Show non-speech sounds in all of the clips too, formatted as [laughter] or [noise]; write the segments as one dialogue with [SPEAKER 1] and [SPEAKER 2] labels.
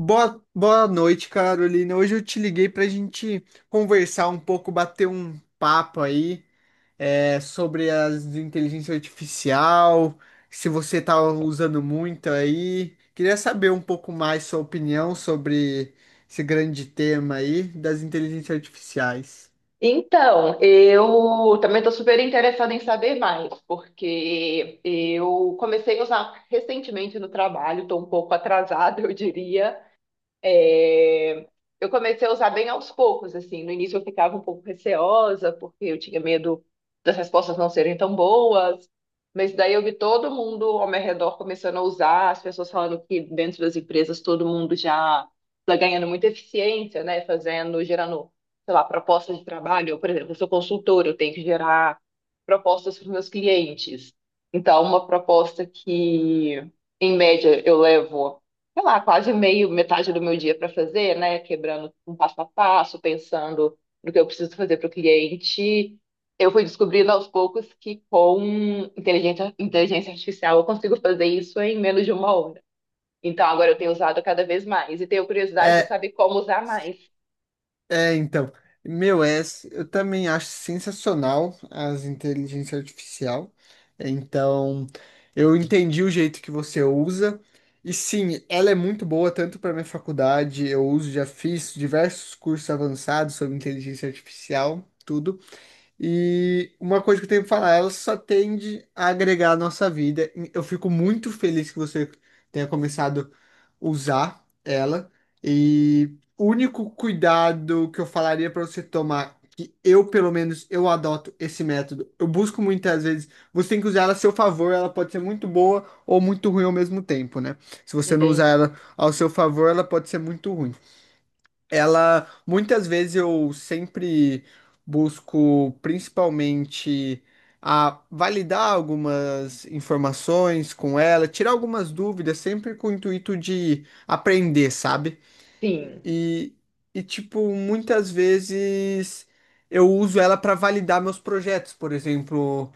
[SPEAKER 1] Boa noite, Carolina. Hoje eu te liguei para a gente conversar um pouco, bater um papo aí sobre as inteligência artificial, se você está usando muito aí. Queria saber um pouco mais sua opinião sobre esse grande tema aí das inteligências artificiais.
[SPEAKER 2] Então, eu também estou super interessada em saber mais, porque eu comecei a usar recentemente no trabalho, estou um pouco atrasada, [laughs] eu diria, é, eu comecei a usar bem aos poucos, assim. No início eu ficava um pouco receosa, porque eu tinha medo das respostas não serem tão boas. Mas daí eu vi todo mundo ao meu redor começando a usar, as pessoas falando que dentro das empresas todo mundo já está ganhando muita eficiência, né? Fazendo, gerando, sei lá, propostas de trabalho. Eu, por exemplo, eu sou consultora, eu tenho que gerar propostas para os meus clientes. Então, uma proposta que, em média, eu levo sei lá, quase meio, metade do meu dia para fazer, né? Quebrando um passo a passo, pensando no que eu preciso fazer para o cliente. Eu fui descobrindo aos poucos que com inteligência artificial eu consigo fazer isso em menos de 1 hora. Então agora eu tenho usado cada vez mais e tenho curiosidade de
[SPEAKER 1] É,
[SPEAKER 2] saber como usar mais.
[SPEAKER 1] É, então, meu, é, eu também acho sensacional as inteligência artificial. É, Então, eu entendi o jeito que você usa. E sim, ela é muito boa tanto para minha faculdade, eu uso, já fiz diversos cursos avançados sobre inteligência artificial, tudo. E uma coisa que eu tenho que falar, ela só tende a agregar à nossa vida. Eu fico muito feliz que você tenha começado a usar ela. E o único cuidado que eu falaria para você tomar, que eu, pelo menos, eu adoto esse método. Eu busco muitas vezes, você tem que usar ela a seu favor, ela pode ser muito boa ou muito ruim ao mesmo tempo, né? Se você não usar
[SPEAKER 2] Entende?
[SPEAKER 1] ela ao seu favor, ela pode ser muito ruim. Ela, muitas vezes eu sempre busco principalmente a validar algumas informações com ela, tirar algumas dúvidas, sempre com o intuito de aprender, sabe?
[SPEAKER 2] Sim.
[SPEAKER 1] E, e tipo, muitas vezes eu uso ela para validar meus projetos. Por exemplo,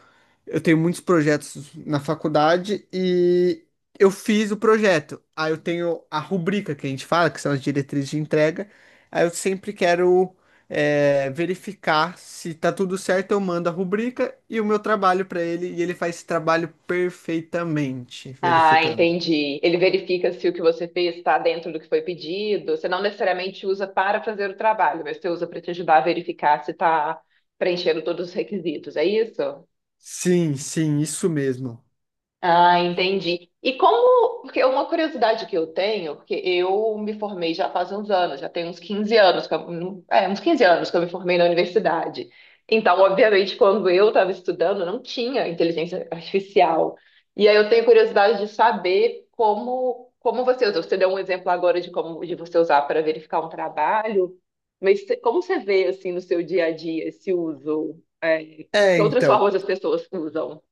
[SPEAKER 1] eu tenho muitos projetos na faculdade e eu fiz o projeto. Aí eu tenho a rubrica que a gente fala, que são as diretrizes de entrega. Aí eu sempre quero verificar se tá tudo certo, eu mando a rubrica e o meu trabalho para ele, e ele faz esse trabalho perfeitamente,
[SPEAKER 2] Ah,
[SPEAKER 1] verificando.
[SPEAKER 2] entendi. Ele verifica se o que você fez está dentro do que foi pedido. Você não necessariamente usa para fazer o trabalho, mas você usa para te ajudar a verificar se está preenchendo todos os requisitos. É isso?
[SPEAKER 1] Sim, sim, isso mesmo.
[SPEAKER 2] Ah, entendi. E como, porque uma curiosidade que eu tenho, porque eu me formei já faz uns anos, já tem uns 15 anos, uns 15 anos que eu me formei na universidade. Então, obviamente, quando eu estava estudando, não tinha inteligência artificial. E aí eu tenho curiosidade de saber como, como você usa. Você deu um exemplo agora de como de você usar para verificar um trabalho, mas como você vê assim no seu dia a dia esse uso?
[SPEAKER 1] É,
[SPEAKER 2] Que outras
[SPEAKER 1] então.
[SPEAKER 2] formas as pessoas usam?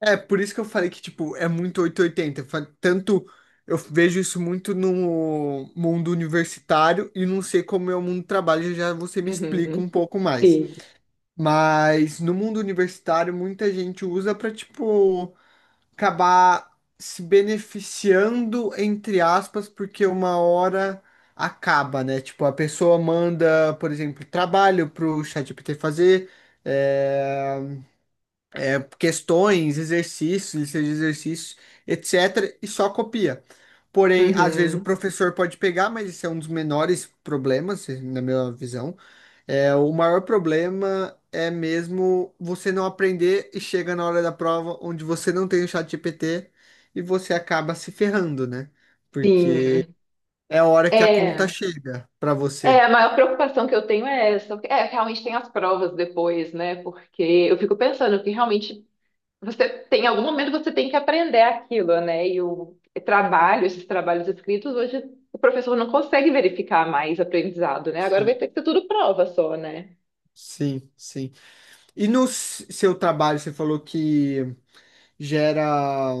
[SPEAKER 1] Por isso que eu falei que, tipo, é muito 880. Tanto eu vejo isso muito no mundo universitário e não sei como é o mundo do trabalho, já você me explica
[SPEAKER 2] Uhum.
[SPEAKER 1] um pouco mais.
[SPEAKER 2] Sim.
[SPEAKER 1] Mas no mundo universitário, muita gente usa pra, tipo, acabar se beneficiando, entre aspas, porque uma hora acaba, né? Tipo, a pessoa manda, por exemplo, trabalho pro ChatGPT fazer. eh, Questões, exercícios, listas de exercícios, etc., e só copia. Porém, às vezes o
[SPEAKER 2] Uhum,
[SPEAKER 1] professor pode pegar, mas esse é um dos menores problemas, na minha visão. É, o maior problema é mesmo você não aprender e chega na hora da prova onde você não tem o chat GPT e você acaba se ferrando, né? Porque
[SPEAKER 2] sim.
[SPEAKER 1] é a hora que a conta
[SPEAKER 2] É,
[SPEAKER 1] chega para você.
[SPEAKER 2] a maior preocupação que eu tenho é essa. É, realmente tem as provas depois, né? Porque eu fico pensando que realmente você tem, em algum momento você tem que aprender aquilo, né? E o trabalho, esses trabalhos escritos, hoje o professor não consegue verificar mais aprendizado, né? Agora vai
[SPEAKER 1] Sim,
[SPEAKER 2] ter que ser tudo prova só, né?
[SPEAKER 1] sim, sim. E no seu trabalho, você falou que gera,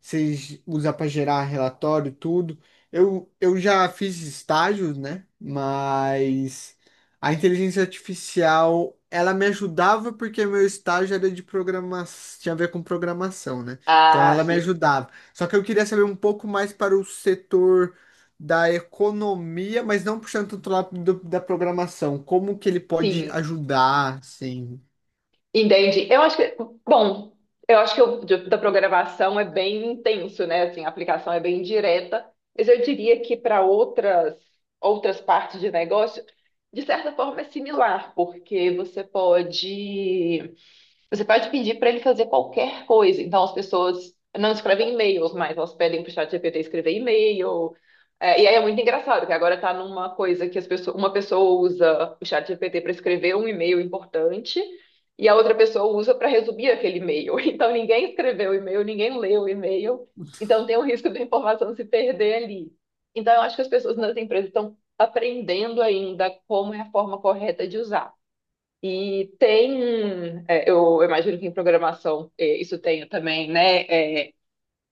[SPEAKER 1] vocês usam para gerar relatório, tudo. Eu já fiz estágios, né? Mas a inteligência artificial, ela me ajudava porque meu estágio era de programação, tinha a ver com programação, né? Então
[SPEAKER 2] Ah,
[SPEAKER 1] ela me
[SPEAKER 2] sim.
[SPEAKER 1] ajudava. Só que eu queria saber um pouco mais para o setor da economia, mas não puxando tanto lá da programação. Como que ele pode
[SPEAKER 2] Sim.
[SPEAKER 1] ajudar, sim.
[SPEAKER 2] Entendi. Eu acho que, bom, eu acho que o da programação é bem intenso, né? Assim, a aplicação é bem direta, mas eu diria que para outras partes de negócio, de certa forma é similar, porque você pode pedir para ele fazer qualquer coisa. Então as pessoas não escrevem e-mails, mas elas pedem para o ChatGPT escrever e-mail. É, e aí é muito engraçado que agora está numa coisa que as pessoas, uma pessoa usa o ChatGPT para escrever um e-mail importante e a outra pessoa usa para resumir aquele e-mail. [laughs] Então, ninguém escreveu o e-mail, ninguém leu o e-mail, então tem o risco da informação se perder ali. Então, eu acho que as pessoas nas empresas estão aprendendo ainda como é a forma correta de usar. E tem, é, eu imagino que em programação isso tenha também, né? É,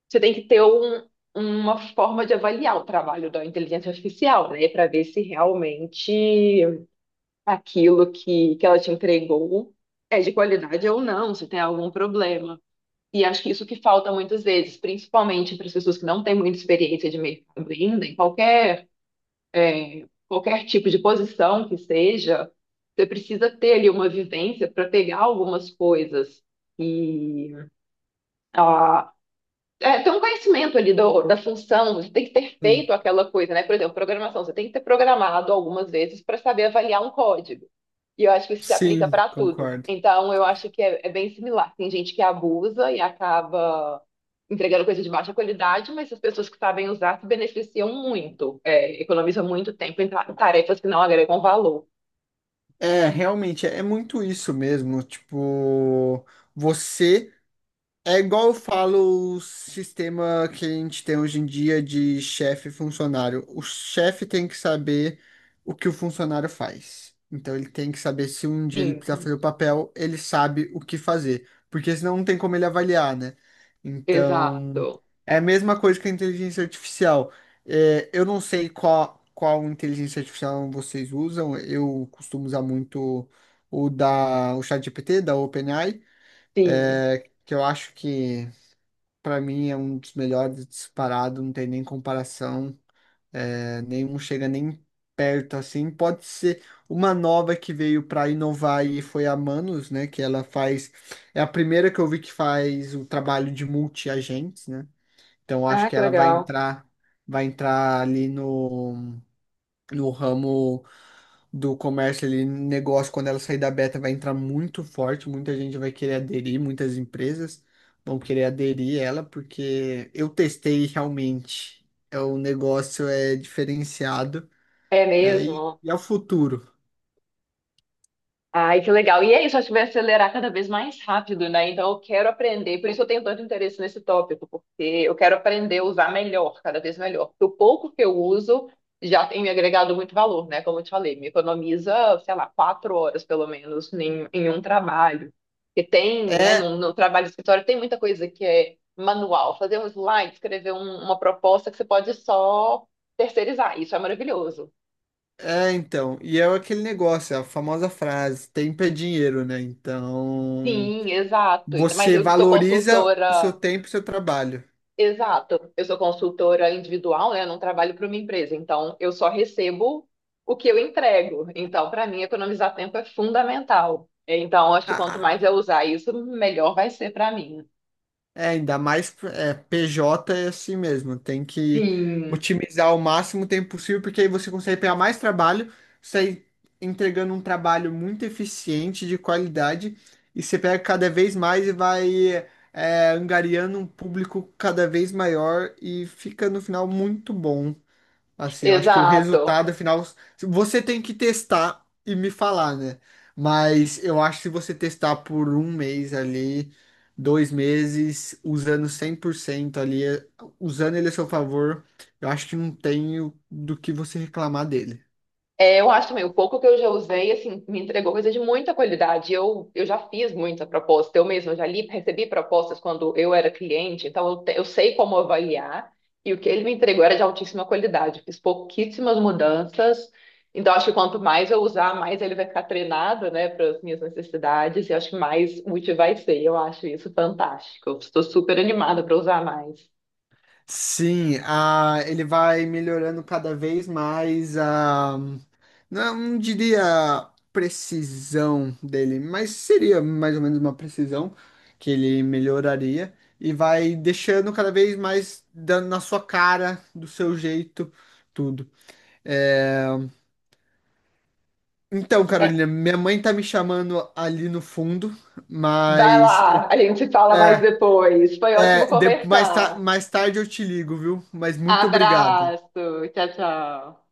[SPEAKER 2] você tem que ter um, uma forma de avaliar o trabalho da inteligência artificial, né? Para ver se realmente aquilo que ela te entregou é de qualidade ou não, se tem algum problema. E acho que isso que falta muitas vezes, principalmente para as pessoas que não têm muita experiência de mercado ainda, em qualquer, é, qualquer tipo de posição que seja, você precisa ter ali uma vivência para pegar algumas coisas. E é, ter um conhecimento ali da função, você tem que ter feito aquela coisa, né? Por exemplo, programação, você tem que ter programado algumas vezes para saber avaliar um código. E eu acho que isso se aplica
[SPEAKER 1] Sim,
[SPEAKER 2] para tudo.
[SPEAKER 1] concordo.
[SPEAKER 2] Então, eu acho que é bem similar. Tem gente que abusa e acaba entregando coisa de baixa qualidade, mas as pessoas que sabem usar se beneficiam muito, é, economizam muito tempo em tarefas que não agregam valor.
[SPEAKER 1] É, realmente, é muito isso mesmo. Tipo, você. É igual eu falo o sistema que a gente tem hoje em dia de chefe e funcionário. O chefe tem que saber o que o funcionário faz. Então ele tem que saber se um dia ele precisar
[SPEAKER 2] Sim,
[SPEAKER 1] fazer o papel, ele sabe o que fazer. Porque senão não tem como ele avaliar, né? Então
[SPEAKER 2] exato.
[SPEAKER 1] é a mesma coisa que a inteligência artificial. É, eu não sei qual inteligência artificial vocês usam. Eu costumo usar muito o ChatGPT, da OpenAI,
[SPEAKER 2] Sim.
[SPEAKER 1] é, que eu acho que. Para mim é um dos melhores disparado, não tem nem comparação, nenhum chega nem perto assim. Pode ser uma nova que veio para inovar e foi a Manus, né? Que ela faz, é a primeira que eu vi que faz o trabalho de multi-agentes, né? Então eu acho
[SPEAKER 2] Ah,
[SPEAKER 1] que
[SPEAKER 2] que
[SPEAKER 1] ela
[SPEAKER 2] legal.
[SPEAKER 1] vai entrar ali no ramo do comércio ali, negócio, quando ela sair da beta, vai entrar muito forte, muita gente vai querer aderir, muitas empresas vão querer aderir ela, porque eu testei e realmente, o negócio é diferenciado,
[SPEAKER 2] É
[SPEAKER 1] né? E,
[SPEAKER 2] mesmo.
[SPEAKER 1] e é o futuro.
[SPEAKER 2] Ai, que legal. E é isso, acho que vai acelerar cada vez mais rápido, né? Então eu quero aprender, por isso eu tenho tanto interesse nesse tópico, porque eu quero aprender a usar melhor, cada vez melhor. Porque o pouco que eu uso já tem me agregado muito valor, né? Como eu te falei, me economiza, sei lá, 4 horas pelo menos em, em um trabalho. Porque tem, né,
[SPEAKER 1] É,
[SPEAKER 2] no, no trabalho de escritório tem muita coisa que é manual, fazer um slide, escrever uma proposta que você pode só terceirizar. Isso é maravilhoso.
[SPEAKER 1] é então, e é aquele negócio, é a famosa frase, tempo é dinheiro, né? Então,
[SPEAKER 2] Sim, exato. Ainda mais
[SPEAKER 1] você
[SPEAKER 2] eu que sou
[SPEAKER 1] valoriza o seu
[SPEAKER 2] consultora.
[SPEAKER 1] tempo e o seu trabalho.
[SPEAKER 2] Exato. Eu sou consultora individual, né? Eu não trabalho para uma empresa, então eu só recebo o que eu entrego. Então, para mim, economizar tempo é fundamental. Então, acho que quanto
[SPEAKER 1] Ah.
[SPEAKER 2] mais eu usar isso, melhor vai ser para mim.
[SPEAKER 1] Ainda mais PJ é assim mesmo, tem que
[SPEAKER 2] Sim,
[SPEAKER 1] otimizar o máximo tempo possível, porque aí você consegue pegar mais trabalho, sai entregando um trabalho muito eficiente, de qualidade, e você pega cada vez mais e vai angariando um público cada vez maior e fica no final muito bom. Assim, eu acho que o
[SPEAKER 2] exato.
[SPEAKER 1] resultado final você tem que testar e me falar, né? Mas eu acho que se você testar por um mês ali, dois meses, usando 100% ali, usando ele a seu favor, eu acho que não tem do que você reclamar dele.
[SPEAKER 2] É, eu acho também, o pouco que eu já usei, assim, me entregou coisa de muita qualidade. Eu já fiz muita proposta, eu mesma já li, recebi propostas quando eu era cliente, então eu, eu sei como avaliar, e o que ele me entregou era de altíssima qualidade. Fiz pouquíssimas mudanças, então acho que quanto mais eu usar, mais ele vai ficar treinado, né, para as minhas necessidades, e acho que mais útil vai ser. Eu acho isso fantástico. Eu estou super animada para usar mais.
[SPEAKER 1] Sim, a, ele vai melhorando cada vez mais a. Não, não diria precisão dele, mas seria mais ou menos uma precisão que ele melhoraria e vai deixando cada vez mais dando na sua cara, do seu jeito, tudo. É, Então,
[SPEAKER 2] É,
[SPEAKER 1] Carolina, minha mãe tá me chamando ali no fundo,
[SPEAKER 2] vai
[SPEAKER 1] mas
[SPEAKER 2] lá, a gente se fala mais
[SPEAKER 1] é,
[SPEAKER 2] depois. Foi ótimo
[SPEAKER 1] mais,
[SPEAKER 2] conversar.
[SPEAKER 1] mais tarde eu te ligo, viu? Mas muito obrigado.
[SPEAKER 2] Abraço. Tchau, tchau.